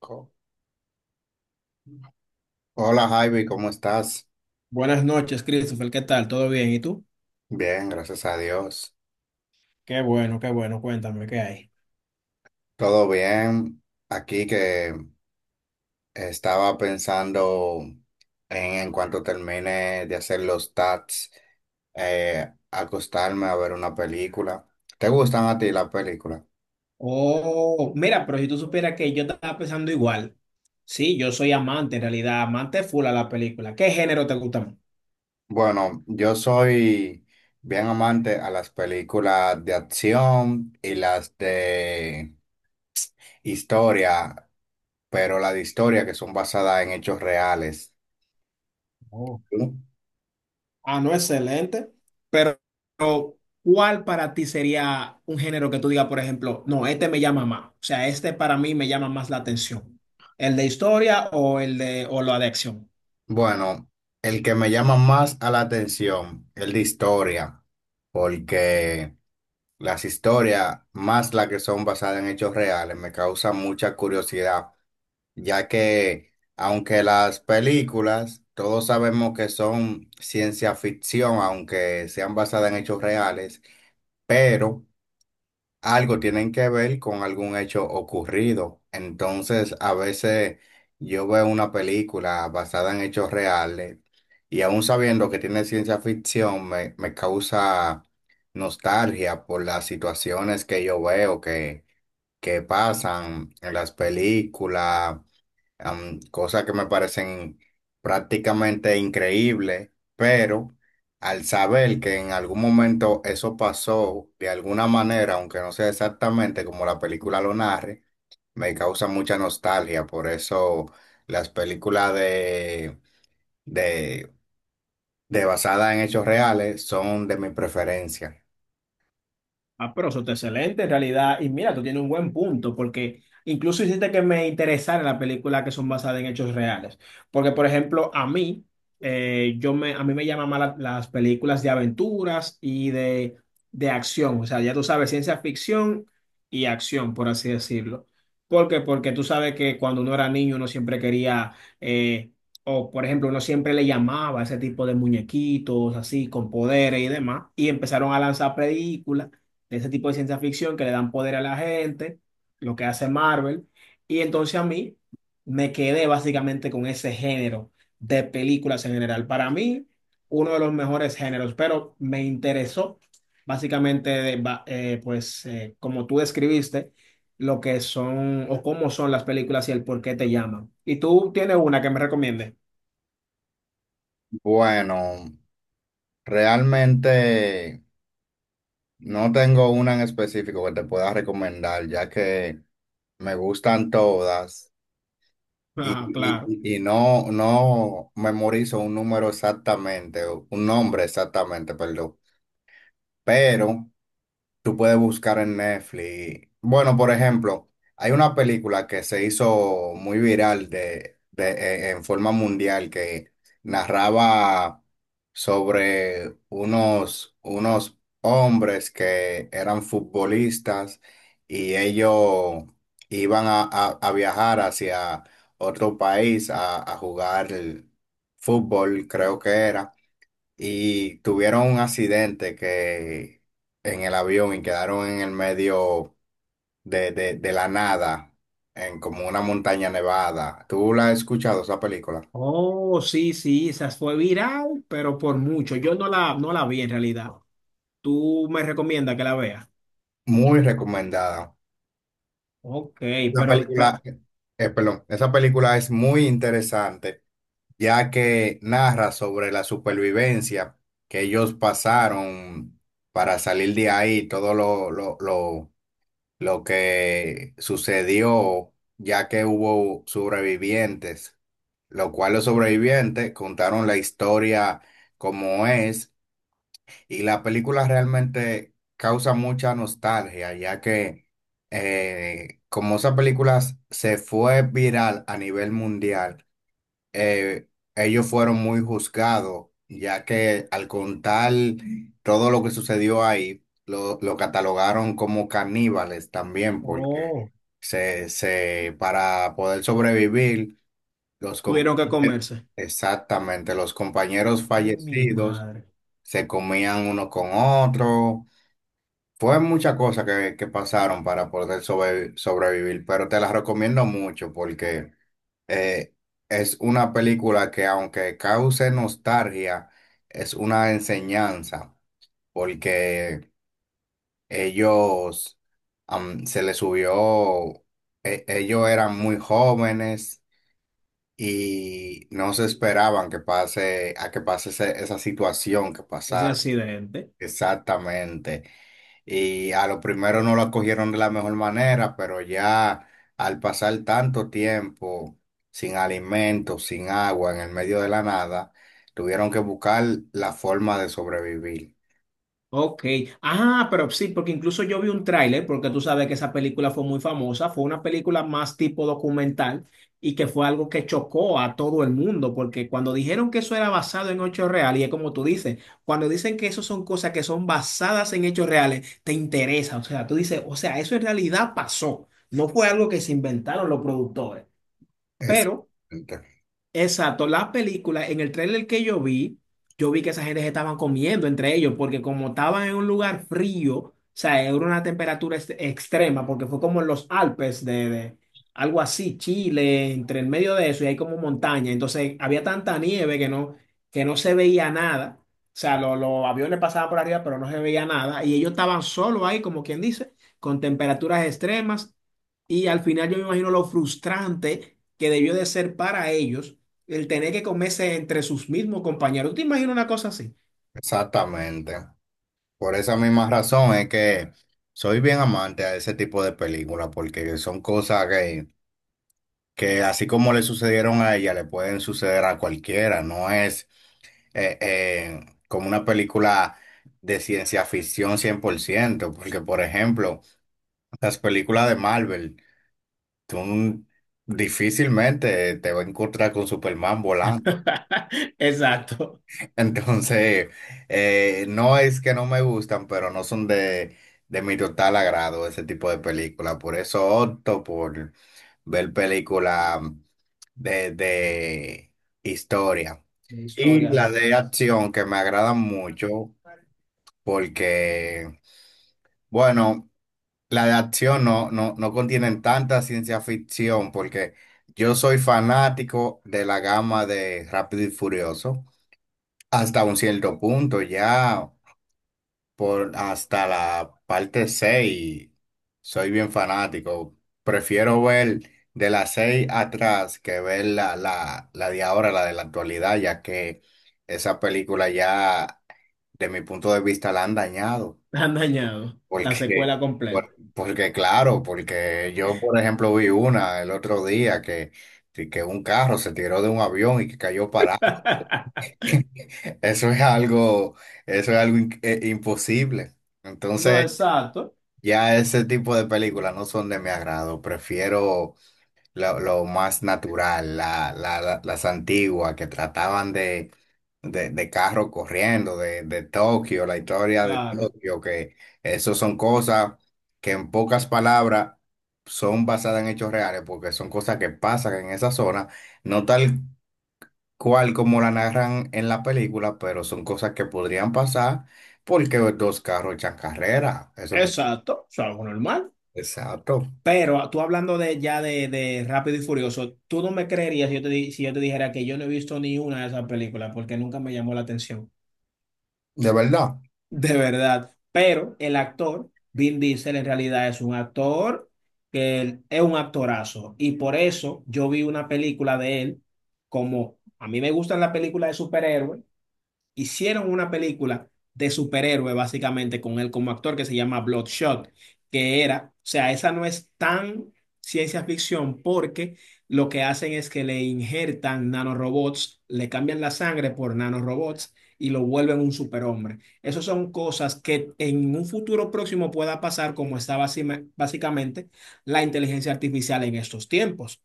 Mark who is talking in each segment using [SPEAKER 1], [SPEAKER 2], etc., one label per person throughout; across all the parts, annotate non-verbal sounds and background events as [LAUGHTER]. [SPEAKER 1] Co- Hola Javi, ¿cómo estás?
[SPEAKER 2] Buenas noches, Christopher. ¿Qué tal? ¿Todo bien? ¿Y tú?
[SPEAKER 1] Bien, gracias a Dios.
[SPEAKER 2] Qué bueno, qué bueno. Cuéntame, ¿qué hay?
[SPEAKER 1] Todo bien. Aquí que estaba pensando en cuanto termine de hacer los tats, acostarme a ver una película. ¿Te gustan a ti las películas?
[SPEAKER 2] Oh, mira, pero si tú supieras que yo estaba pensando igual. Sí, yo soy amante, en realidad, amante full a la película. ¿Qué género te gusta más?
[SPEAKER 1] Bueno, yo soy bien amante a las películas de acción y las de historia, pero las de historia que son basadas en hechos reales.
[SPEAKER 2] Oh.
[SPEAKER 1] ¿No?
[SPEAKER 2] Ah, no, excelente. Pero, pero ¿cuál para ti sería un género que tú digas, por ejemplo, no, este me llama más? O sea, este para mí me llama más la atención. ¿El de historia o el de o la de acción?
[SPEAKER 1] Bueno, el que me llama más a la atención, el de historia, porque las historias, más las que son basadas en hechos reales, me causan mucha curiosidad, ya que aunque las películas, todos sabemos que son ciencia ficción, aunque sean basadas en hechos reales, pero algo tienen que ver con algún hecho ocurrido. Entonces, a veces yo veo una película basada en hechos reales y aún sabiendo que tiene ciencia ficción, me causa nostalgia por las situaciones que yo veo que pasan en las películas, cosas que me parecen prácticamente increíbles, pero al saber que en algún momento eso pasó de alguna manera, aunque no sea exactamente como la película lo narre, me causa mucha nostalgia. Por eso las películas de, de basadas en hechos reales son de mi preferencia.
[SPEAKER 2] Ah, pero eso está excelente en realidad. Y mira, tú tienes un buen punto, porque incluso hiciste que me interesara las películas que son basadas en hechos reales. Porque, por ejemplo, a mí, yo me, a mí me llaman más las películas de aventuras y de acción. O sea, ya tú sabes, ciencia ficción y acción, por así decirlo. ¿Por qué? Porque tú sabes que cuando uno era niño, uno siempre quería, eh, o por ejemplo, uno siempre le llamaba a ese tipo de muñequitos así, con poderes y demás, y empezaron a lanzar películas ese tipo de ciencia ficción que le dan poder a la gente, lo que hace Marvel. Y entonces a mí me quedé básicamente con ese género de películas en general. Para mí, uno de los mejores géneros, pero me interesó básicamente, de ba- pues como tú describiste, lo que son o cómo son las películas y el por qué te llaman. ¿Y tú tienes una que me recomiendes?
[SPEAKER 1] Bueno, realmente, no tengo una en específico que te pueda recomendar, ya que me gustan todas y,
[SPEAKER 2] Ah, claro.
[SPEAKER 1] y- y- no, no memorizo un número exactamente, o un nombre exactamente, perdón. Pero tú puedes buscar en Netflix. Bueno, por ejemplo, hay una película que se hizo muy viral en forma mundial que narraba sobre unos hombres que eran futbolistas y ellos iban a viajar hacia otro país a jugar fútbol, creo que era, y tuvieron un accidente que en el avión, y quedaron en el medio de la nada, en como una montaña nevada. ¿Tú la has escuchado esa película?
[SPEAKER 2] Oh, sí, sí, esa fue viral, pero por mucho. Yo no la vi en realidad. Tú me recomiendas que la vea.
[SPEAKER 1] Muy recomendada.
[SPEAKER 2] Ok,
[SPEAKER 1] La
[SPEAKER 2] pero, de-
[SPEAKER 1] película,
[SPEAKER 2] pero-
[SPEAKER 1] perdón, esa película es muy interesante, ya que narra sobre la supervivencia que ellos pasaron para salir de ahí, todo lo que sucedió, ya que hubo sobrevivientes, lo cual los sobrevivientes contaron la historia como es, y la película realmente causa mucha nostalgia ya que, como esa película se fue viral a nivel mundial, eh, ellos fueron muy juzgados, ya que al contar todo lo que sucedió ahí, lo catalogaron como caníbales también, porque
[SPEAKER 2] oh,
[SPEAKER 1] para poder sobrevivir, los, com-
[SPEAKER 2] tuvieron que comerse.
[SPEAKER 1] exactamente, los compañeros
[SPEAKER 2] Ay, mi
[SPEAKER 1] fallecidos
[SPEAKER 2] madre,
[SPEAKER 1] se comían uno con otro. Fue muchas cosas que pasaron para poder sobrevivir, pero te las recomiendo mucho porque, eh, es una película que aunque cause nostalgia, es una enseñanza, porque ellos, se les subió, ellos eran muy jóvenes y no se esperaban a que pase esa situación que
[SPEAKER 2] ese
[SPEAKER 1] pasa.
[SPEAKER 2] accidente.
[SPEAKER 1] Exactamente. Y a lo primero no lo acogieron de la mejor manera, pero ya al pasar tanto tiempo sin alimentos, sin agua, en el medio de la nada, tuvieron que buscar la forma de sobrevivir.
[SPEAKER 2] Ok. Ah, pero sí, porque incluso yo vi un tráiler, porque tú sabes que esa película fue muy famosa, fue una película más tipo documental y que fue algo que chocó a todo el mundo, porque cuando dijeron que eso era basado en hechos reales, y es como tú dices, cuando dicen que eso son cosas que son basadas en hechos reales, te interesa, o sea, tú dices, o sea, eso en realidad pasó, no fue algo que se inventaron los productores. Pero
[SPEAKER 1] Exactamente.
[SPEAKER 2] exacto, la película, en el tráiler que yo vi que esa gente se estaban comiendo entre ellos, porque como estaban en un lugar frío, o sea, era una temperatura extrema, porque fue como en los Alpes de algo así, Chile, entre el medio de eso, y hay como montaña, entonces había tanta nieve que no se veía nada, o sea, los aviones pasaban por arriba, pero no se veía nada, y ellos estaban solos ahí, como quien dice, con temperaturas extremas, y al final yo me imagino lo frustrante que debió de ser para ellos el tener que comerse entre sus mismos compañeros. ¿Tú te imaginas una cosa así?
[SPEAKER 1] Exactamente. Por esa misma razón es que soy bien amante a ese tipo de películas, porque son cosas que así como le sucedieron a ella, le pueden suceder a cualquiera, no es, como una película de ciencia ficción 100%, porque por ejemplo, las películas de Marvel, tú difícilmente te vas a encontrar con Superman volando.
[SPEAKER 2] [LAUGHS] Exacto.
[SPEAKER 1] [LAUGHS] Entonces, no es que no me gustan, pero no son de mi total agrado ese tipo de película. Por eso opto por ver películas de historia.
[SPEAKER 2] De
[SPEAKER 1] Y
[SPEAKER 2] historias
[SPEAKER 1] la de
[SPEAKER 2] basadas.
[SPEAKER 1] acción que me agradan mucho porque, bueno, la de acción no, no, no contienen tanta ciencia ficción, porque yo soy fanático de la gama de Rápido y Furioso, hasta un cierto punto, ya por hasta la parte 6 soy bien fanático. Prefiero ver de la 6 atrás que ver la de ahora, la de la actualidad, ya que esa película ya, de mi punto de vista, la han dañado.
[SPEAKER 2] Han dañado la
[SPEAKER 1] Porque,
[SPEAKER 2] secuela completa.
[SPEAKER 1] porque claro, porque yo, por ejemplo, vi una el otro día que un carro se tiró de un avión y que cayó parado.
[SPEAKER 2] [LAUGHS]
[SPEAKER 1] [LAUGHS] Eso es algo, eso es algo, imposible.
[SPEAKER 2] No,
[SPEAKER 1] Entonces,
[SPEAKER 2] exacto,
[SPEAKER 1] ya ese tipo de películas no son de mi agrado. Prefiero lo más natural, las antiguas que trataban de carro corriendo, de Tokio, la historia de
[SPEAKER 2] claro.
[SPEAKER 1] Tokio, que eso son cosas que en pocas palabras son basadas en hechos reales, porque son cosas que pasan en esa zona, no tal cual como la narran en la película, pero son cosas que podrían pasar porque dos carros echan carrera, eso no.
[SPEAKER 2] Exacto, es algo normal.
[SPEAKER 1] Exacto,
[SPEAKER 2] Pero tú hablando de ya de Rápido y Furioso, tú no me creerías si yo te, si yo te dijera que yo no he visto ni una de esas películas porque nunca me llamó la atención.
[SPEAKER 1] de verdad.
[SPEAKER 2] De verdad. Pero el actor, Vin Diesel, en realidad es un actor que es un actorazo. Y por eso yo vi una película de él, como a mí me gustan las películas de superhéroes, hicieron una película de superhéroe, básicamente, con él como actor que se llama Bloodshot, que era, o sea, esa no es tan ciencia ficción porque lo que hacen es que le injertan nanorobots, le cambian la sangre por nanorobots y lo vuelven un superhombre. Esas son cosas que en un futuro próximo pueda pasar como está básicamente la inteligencia artificial en estos tiempos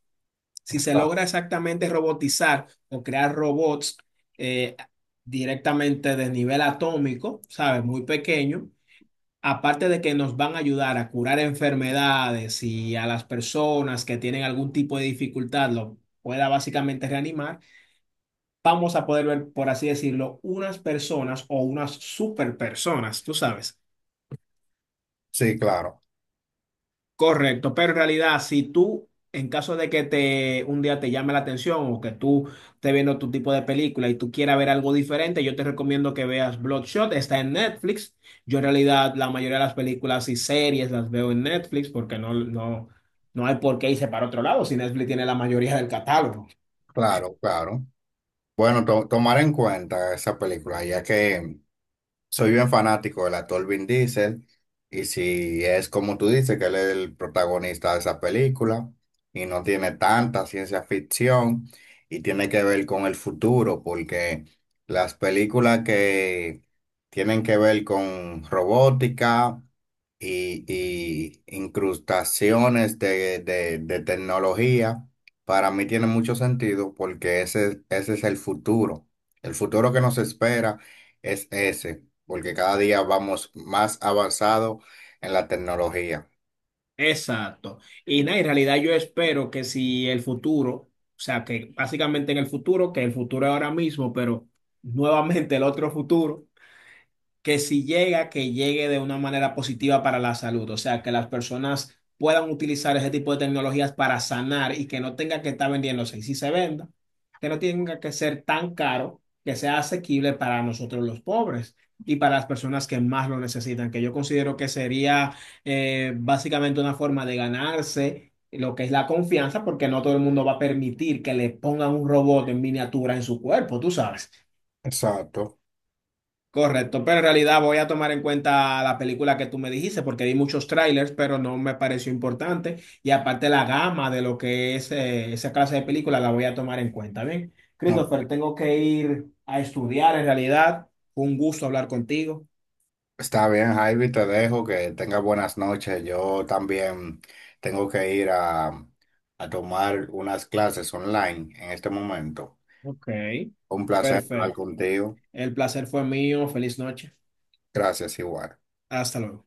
[SPEAKER 2] si se
[SPEAKER 1] Ah,
[SPEAKER 2] logra exactamente robotizar o crear robots eh, directamente de nivel atómico, ¿sabes? Muy pequeño, aparte de que nos van a ayudar a curar enfermedades y a las personas que tienen algún tipo de dificultad lo pueda básicamente reanimar, vamos a poder ver, por así decirlo, unas personas o unas super personas, tú sabes.
[SPEAKER 1] sí, claro,
[SPEAKER 2] Correcto, pero en realidad, si tú, en caso de que te un día te llame la atención o que tú estés viendo tu tipo de película y tú quieras ver algo diferente, yo te recomiendo que veas Bloodshot, está en Netflix. Yo en realidad la mayoría de las películas y series las veo en Netflix porque no hay por qué irse para otro lado si Netflix tiene la mayoría del catálogo.
[SPEAKER 1] claro, claro. Bueno, tomar en cuenta esa película, ya que soy bien fanático del actor Vin Diesel, y si es como tú dices que él es el protagonista de esa película, y no tiene tanta ciencia ficción y tiene que ver con el futuro, porque las películas que tienen que ver con robótica y incrustaciones de tecnología, para mí tiene mucho sentido porque ese es el futuro. El futuro que nos espera es ese, porque cada día vamos más avanzado en la tecnología.
[SPEAKER 2] Exacto. Y nada, en realidad yo espero que si el futuro, o sea, que básicamente en el futuro, que el futuro es ahora mismo, pero nuevamente el otro futuro. Que si llega, que llegue de una manera positiva para la salud, o sea, que las personas puedan utilizar ese tipo de tecnologías para sanar y que no tenga que estar vendiéndose. Y si se venda, que no tenga que ser tan caro, que sea asequible para nosotros los pobres y para las personas que más lo necesitan, que yo considero que sería básicamente una forma de ganarse lo que es la confianza, porque no todo el mundo va a permitir que le pongan un robot en miniatura en su cuerpo, tú sabes.
[SPEAKER 1] Exacto.
[SPEAKER 2] Correcto, pero en realidad voy a tomar en cuenta la película que tú me dijiste porque vi muchos trailers, pero no me pareció importante. Y aparte la gama de lo que es esa clase de película la voy a tomar en cuenta. Bien,
[SPEAKER 1] No,
[SPEAKER 2] Christopher, tengo que ir a estudiar en realidad. Fue un gusto hablar contigo.
[SPEAKER 1] está bien, Javi, te dejo, que tengas buenas noches. Yo también tengo que ir a tomar unas clases online en este momento.
[SPEAKER 2] Ok,
[SPEAKER 1] Un placer hablar
[SPEAKER 2] perfecto.
[SPEAKER 1] contigo.
[SPEAKER 2] El placer fue mío. Feliz noche.
[SPEAKER 1] Gracias, igual.
[SPEAKER 2] Hasta luego.